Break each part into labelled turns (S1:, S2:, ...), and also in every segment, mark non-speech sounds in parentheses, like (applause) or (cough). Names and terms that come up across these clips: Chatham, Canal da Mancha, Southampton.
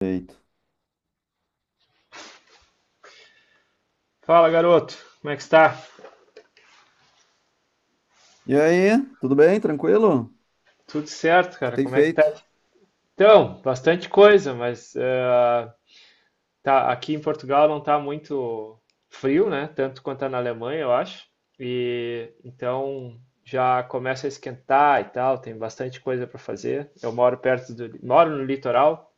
S1: Feito.
S2: Fala, garoto. Como é que está?
S1: E aí, tudo bem? Tranquilo? O
S2: Tudo certo,
S1: que
S2: cara?
S1: tem
S2: Como é que tá?
S1: feito?
S2: Então, bastante coisa, mas tá, aqui em Portugal não tá muito frio, né? Tanto quanto tá na Alemanha, eu acho. E então já começa a esquentar e tal, tem bastante coisa para fazer. Eu moro perto moro no litoral,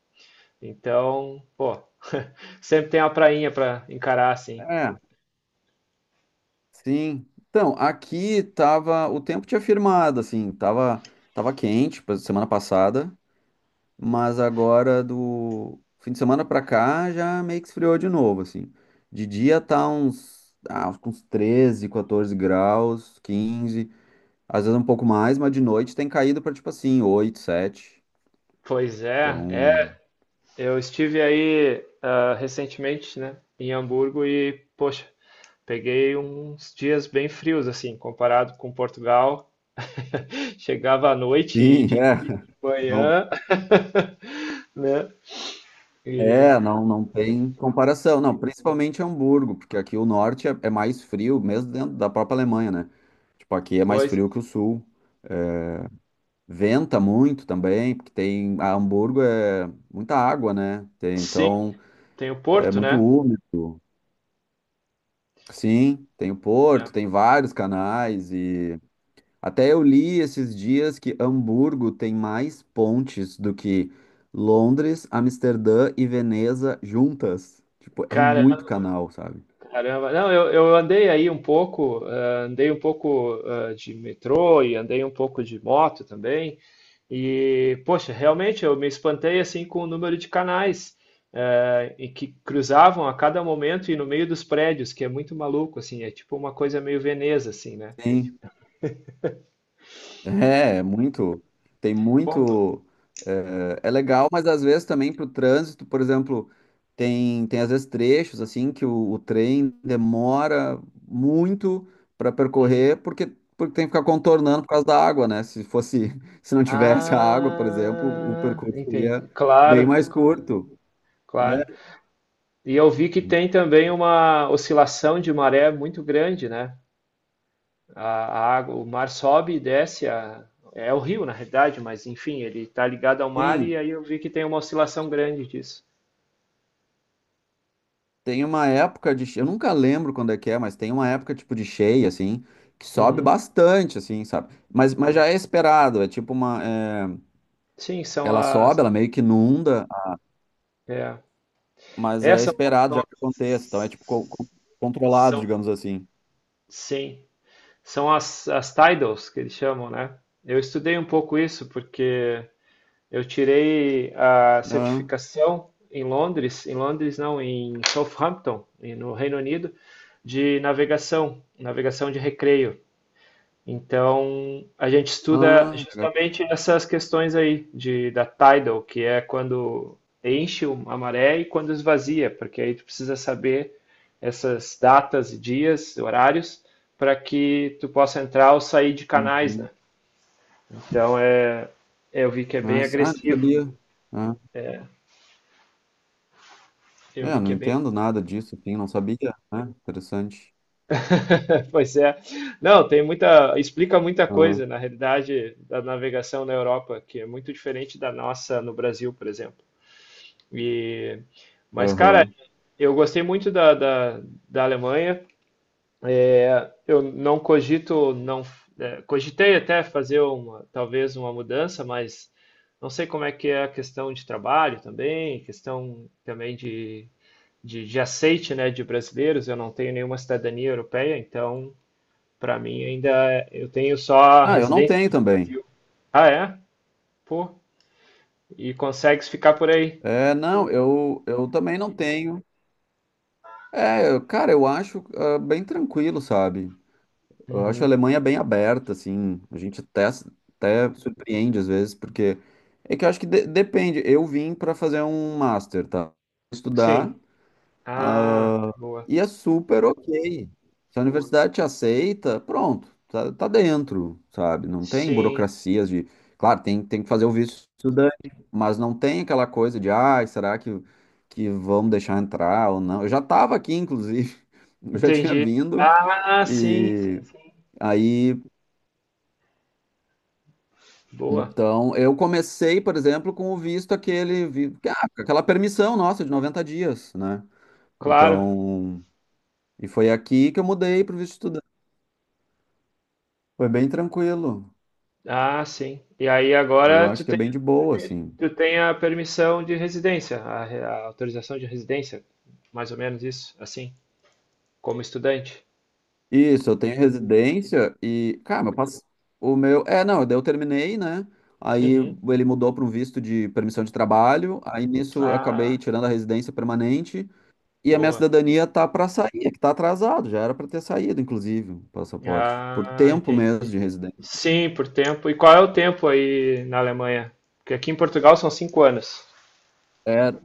S2: então, pô, (laughs) sempre tem uma prainha para encarar assim.
S1: É, sim. Então, aqui tava, o tempo tinha firmado, assim, tava quente semana passada, mas agora do fim de semana pra cá já meio que esfriou de novo, assim. De dia tá uns, acho que uns 13 14 graus, 15 às vezes um pouco mais, mas de noite tem caído pra tipo assim, 8 7.
S2: Pois é, é.
S1: Então,
S2: Eu estive aí recentemente, né, em Hamburgo e, poxa, peguei uns dias bem frios, assim, comparado com Portugal. (laughs) Chegava à noite e
S1: sim, (laughs)
S2: de
S1: é. Não.
S2: manhã, (laughs) né? E
S1: É, não, não tem comparação, não, principalmente Hamburgo, porque aqui o norte é mais frio, mesmo dentro da própria Alemanha, né? Tipo, aqui é mais
S2: pois,
S1: frio que o sul. É, venta muito também, porque tem a Hamburgo é muita água, né?
S2: sim,
S1: Então
S2: tem o
S1: é
S2: Porto,
S1: muito
S2: né?
S1: úmido. Sim, tem o porto, tem vários canais e até eu li esses dias que Hamburgo tem mais pontes do que Londres, Amsterdã e Veneza juntas. Tipo, é
S2: Caramba,
S1: muito canal, sabe?
S2: caramba. Não, eu andei aí um pouco, andei um pouco de metrô e andei um pouco de moto também. E, poxa, realmente eu me espantei assim com o número de canais e que cruzavam a cada momento e no meio dos prédios, que é muito maluco, assim, é tipo uma coisa meio Veneza, assim, né?
S1: Sim. É, é muito. Tem
S2: Pomba.
S1: muito. É, é legal, mas às vezes também para o trânsito, por exemplo, tem às vezes trechos assim que o trem demora muito para
S2: Hum.
S1: percorrer, porque, porque tem que ficar contornando por causa da água, né? Se fosse, (laughs) se não tivesse a água, por exemplo, o
S2: Ah,
S1: percurso
S2: entendi.
S1: seria bem
S2: Claro,
S1: mais curto, né?
S2: claro. E eu vi que tem também uma oscilação de maré muito grande, né? A água, o mar sobe e desce, a- é o rio, na realidade, mas enfim, ele está ligado ao mar e
S1: Sim.
S2: aí eu vi que tem uma oscilação grande disso.
S1: Tem uma época de, eu nunca lembro quando é que é, mas tem uma época tipo de cheia assim, que sobe
S2: Uhum.
S1: bastante assim, sabe? Mas já é esperado, é tipo uma, é,
S2: Sim, são
S1: ela
S2: as.
S1: sobe, ela meio que inunda,
S2: É.
S1: mas é
S2: Essas são,
S1: esperado já
S2: são,
S1: que aconteça, então é tipo controlado,
S2: são-
S1: digamos assim.
S2: sim, são as, as titles que eles chamam, né? Eu estudei um pouco isso porque eu tirei a
S1: Ah,
S2: certificação em Londres não, em Southampton, em- no Reino Unido, de navegação, navegação de recreio. Então, a gente estuda
S1: ah, legal.
S2: justamente essas questões aí de, da tidal, que é quando enche o- a maré e quando esvazia, porque aí tu precisa saber essas datas, dias, horários, para que tu possa entrar ou sair de canais, né?
S1: Uhum.
S2: Então, é, eu vi que é bem
S1: Mas- ah, não
S2: agressivo.
S1: sabia. Ah,
S2: É, eu
S1: é,
S2: vi
S1: eu não
S2: que é bem.
S1: entendo nada disso, assim, não sabia, né? Interessante.
S2: (laughs) Pois é. Não, tem muita. Explica muita
S1: Ah,
S2: coisa, na realidade, da navegação na Europa, que é muito diferente da nossa no Brasil, por exemplo. E... Mas, cara,
S1: aham.
S2: eu gostei muito da Alemanha. É, eu não cogito, não, é, cogitei até fazer uma, talvez uma mudança, mas não sei como é que é a questão de trabalho também, questão também de aceite, né, de brasileiros. Eu não tenho nenhuma cidadania europeia, então, para mim, ainda é- eu tenho só a
S1: Ah, eu não
S2: residência
S1: tenho
S2: aqui no
S1: também.
S2: Brasil. Ah, é? Pô, e consegues ficar por aí?
S1: É, não, eu também não tenho. É, eu- cara, eu acho bem tranquilo, sabe? Eu acho a
S2: Uhum.
S1: Alemanha bem aberta, assim. A gente até surpreende às vezes, porque é que eu acho que depende. Eu vim para fazer um master, tá? Estudar.
S2: Sim. Ah,
S1: Ah,
S2: boa.
S1: e é super ok. Se a universidade te aceita, pronto, tá dentro, sabe? Não tem
S2: Sim,
S1: burocracias de. Claro, tem que fazer o visto estudante, mas não tem aquela coisa de, ai, será que vão deixar entrar ou não? Eu já estava aqui, inclusive, (laughs) eu já tinha
S2: entendi.
S1: vindo,
S2: Ah, sim, sim,
S1: e
S2: sim.
S1: aí,
S2: Boa,
S1: então, eu comecei, por exemplo, com o visto aquele, aquela permissão nossa de 90 dias, né?
S2: claro.
S1: Então. E foi aqui que eu mudei para o visto. Foi bem tranquilo.
S2: Ah, sim. E aí
S1: Eu
S2: agora
S1: acho que é bem de boa, assim.
S2: tu tem a permissão de residência, a, re- a autorização de residência, mais ou menos isso, assim, como estudante.
S1: Isso, eu tenho residência e, cara, eu passo o meu, é, não, daí eu terminei, né? Aí
S2: Uhum.
S1: ele mudou para um visto de permissão de trabalho, aí nisso eu
S2: Ah,
S1: acabei tirando a residência permanente e a minha
S2: boa.
S1: cidadania tá para sair, é que tá atrasado, já era para ter saído, inclusive, o passaporte, por
S2: Ah,
S1: tempo mesmo
S2: entendi.
S1: de residência.
S2: Sim, por tempo. E qual é o tempo aí na Alemanha? Porque aqui em Portugal são 5 anos.
S1: Era.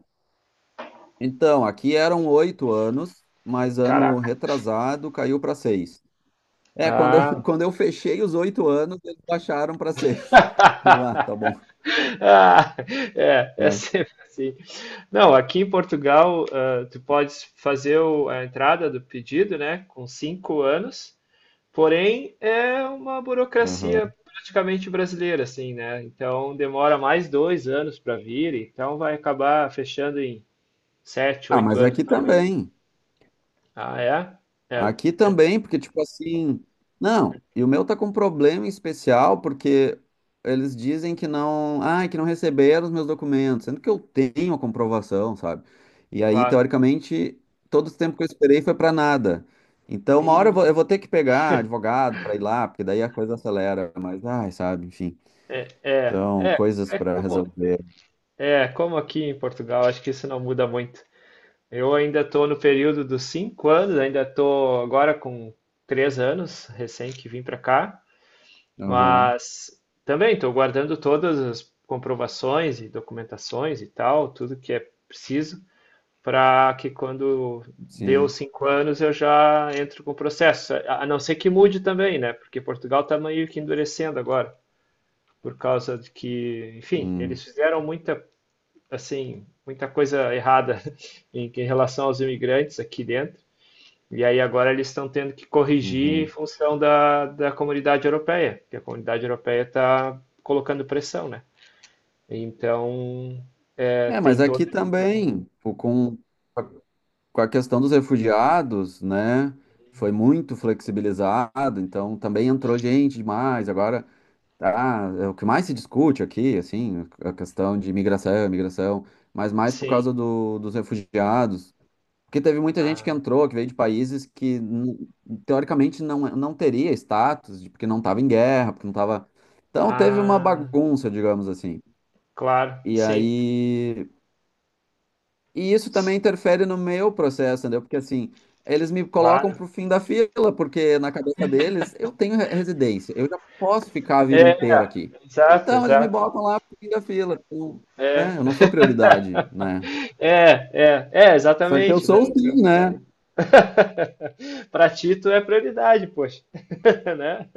S1: Então, aqui eram 8 anos, mas ano
S2: Caraca.
S1: retrasado caiu para 6. É, quando eu, (laughs)
S2: Ah.
S1: quando eu fechei os 8 anos, eles baixaram para 6. (laughs) Aí eu, ah, tá
S2: (laughs)
S1: bom,
S2: (laughs) Ah, é, é
S1: né?
S2: sempre assim. Não, aqui em Portugal, tu podes fazer o- a entrada do pedido, né, com 5 anos, porém é uma
S1: Aham.
S2: burocracia praticamente brasileira, assim, né? Então demora mais 2 anos para vir, então vai acabar fechando em sete,
S1: Ah,
S2: oito
S1: mas
S2: anos,
S1: aqui
S2: talvez.
S1: também.
S2: Ah, é? É,
S1: Aqui também, porque, tipo assim. Não, e o meu tá com um problema em especial, porque eles dizem que não, ah, que não receberam os meus documentos, sendo que eu tenho a comprovação, sabe? E aí,
S2: claro.
S1: teoricamente, todo esse tempo que eu esperei foi para nada. Então, uma hora eu vou, eu
S2: Ih,
S1: vou ter que pegar advogado para ir lá, porque daí a coisa acelera, mas, ai, sabe, enfim.
S2: é,
S1: Então,
S2: é,
S1: coisas
S2: é
S1: para
S2: como,
S1: resolver.
S2: é como aqui em Portugal, acho que isso não muda muito. Eu ainda estou no período dos 5 anos, ainda estou agora com 3 anos, recém que vim para cá,
S1: Aham.
S2: mas também estou guardando todas as comprovações e documentações e tal, tudo que é preciso, para que quando deu os
S1: Sim.
S2: 5 anos eu já entro com o processo. A não ser que mude também, né? Porque Portugal está meio que endurecendo agora, por causa de que, enfim,
S1: Hum,
S2: eles fizeram muita, assim, muita coisa errada (laughs) em relação aos imigrantes aqui dentro. E aí agora eles estão tendo que corrigir em
S1: uhum.
S2: função da comunidade europeia, porque a comunidade europeia está colocando pressão, né? Então, é,
S1: É,
S2: tem
S1: mas
S2: toda.
S1: aqui também, pô, com a questão dos refugiados, né? Foi muito flexibilizado, então também entrou gente demais. Agora, tá, é o que mais se discute aqui, assim, a questão de imigração, mas mais por
S2: Sim.
S1: causa do, dos refugiados. Porque teve muita gente que
S2: Ah,
S1: entrou, que veio de países que teoricamente não, não teria status, de- porque não estava em guerra, porque não estava. Então teve uma
S2: ah,
S1: bagunça, digamos assim.
S2: claro,
S1: E
S2: sim.
S1: aí. E isso também interfere no meu processo, entendeu? Porque assim, eles me colocam
S2: Claro.
S1: pro fim da fila, porque na cabeça deles eu tenho residência, eu já posso ficar a vida
S2: É,
S1: inteira aqui.
S2: exato,
S1: Então eles me
S2: exato.
S1: botam lá pro fim da fila. Eu-
S2: É.
S1: é, eu não sou prioridade,
S2: (laughs)
S1: né?
S2: É, é, é,
S1: Só que eu
S2: exatamente, né?
S1: sou
S2: Então,
S1: sim, né?
S2: (laughs) para ti, tu é prioridade, poxa, (laughs) né?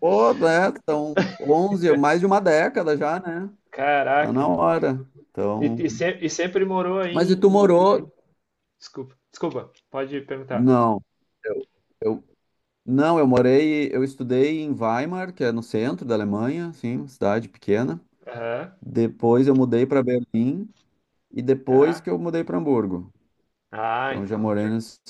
S1: Pô, né? São 11, mais de uma década já, né? Tá na
S2: Caraca.
S1: hora. Então,
S2: E, se- e sempre morou aí
S1: mas e tu
S2: em,
S1: morou?
S2: desculpa, desculpa, pode perguntar.
S1: Não. Eu, eu não, eu morei, eu estudei em Weimar, que é no centro da Alemanha, assim, uma cidade pequena.
S2: Aham,
S1: Depois eu mudei para Berlim e depois que
S2: tá.
S1: eu mudei para Hamburgo.
S2: Ah,
S1: Então eu já
S2: então
S1: morei
S2: já.
S1: nesse...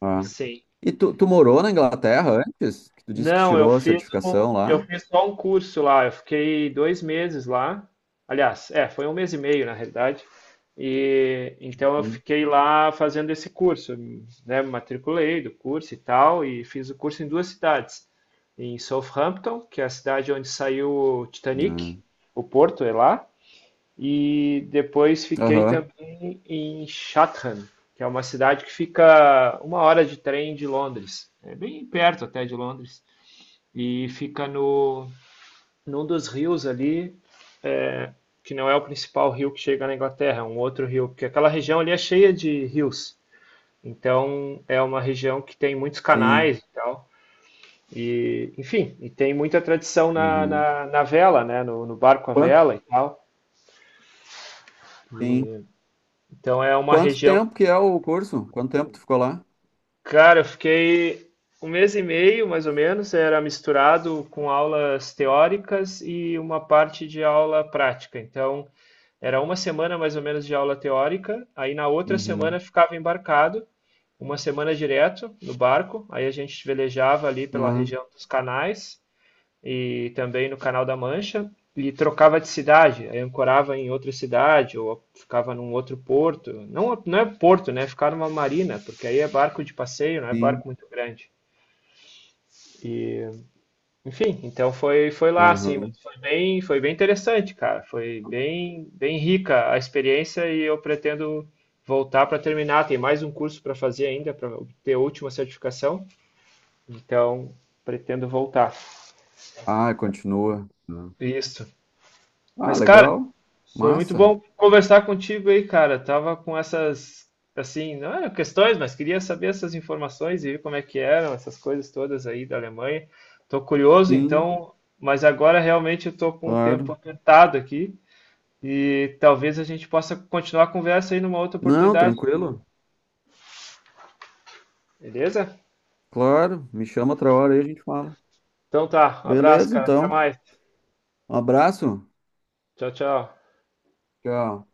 S1: Ah.
S2: Sim.
S1: E tu morou na Inglaterra antes? Que tu disse que
S2: Não, eu
S1: tirou a
S2: fiz um,
S1: certificação
S2: eu
S1: lá?
S2: fiz só um curso lá. Eu fiquei 2 meses lá. Aliás, é, foi um mês e meio na realidade. E então eu
S1: Sim.
S2: fiquei lá fazendo esse curso, né? Me matriculei do curso e tal, e fiz o curso em 2 cidades, em Southampton, que é a cidade onde saiu o
S1: Ah.
S2: Titanic, o Porto é lá, e depois fiquei
S1: Aham.
S2: também em Chatham, que é uma cidade que fica 1 hora de trem de Londres. É bem perto até de Londres. E fica no, num dos rios ali, é, que não é o principal rio que chega na Inglaterra, é um outro rio, porque aquela região ali é cheia de rios. Então é uma região que tem muitos
S1: Sim.
S2: canais e tal. E, enfim, e tem muita tradição
S1: Uhum.
S2: na vela, né? No barco à
S1: Quanto?
S2: vela e tal.
S1: Sim.
S2: Então é uma
S1: Quanto
S2: região
S1: tempo que é o curso? Quanto tempo tu ficou lá?
S2: cara, eu fiquei um mês e meio, mais ou menos, era misturado com aulas teóricas e uma parte de aula prática. Então, era uma semana mais ou menos de aula teórica, aí na outra
S1: Uhum.
S2: semana ficava embarcado, uma semana direto no barco, aí a gente velejava ali pela
S1: Ah,
S2: região dos canais e também no Canal da Mancha e trocava de cidade, aí ancorava em outra cidade ou ficava num outro porto. Não, não é porto, né? Ficar numa marina, porque aí é barco de passeio, não é
S1: sim.
S2: barco muito grande. E, enfim, então foi lá assim, mas
S1: Aham.
S2: foi bem interessante, cara. Foi bem bem rica a experiência e eu pretendo voltar para terminar. Tem mais um curso para fazer ainda para obter a última certificação, então pretendo voltar.
S1: Ah, continua. Ah,
S2: Isso.
S1: ah,
S2: Mas, cara,
S1: legal.
S2: foi muito
S1: Massa.
S2: bom conversar contigo aí, cara. Tava com essas, assim, não eram questões, mas queria saber essas informações e ver como é que eram essas coisas todas aí da Alemanha. Tô curioso,
S1: Sim,
S2: então, mas agora realmente eu tô com o tempo
S1: claro.
S2: apertado aqui e talvez a gente possa continuar a conversa aí numa outra
S1: Não,
S2: oportunidade,
S1: tranquilo.
S2: beleza?
S1: Claro. Me chama outra hora aí a gente fala.
S2: Então tá, um abraço,
S1: Beleza,
S2: cara. Até
S1: então.
S2: mais.
S1: Um abraço.
S2: Tchau, tchau.
S1: Tchau.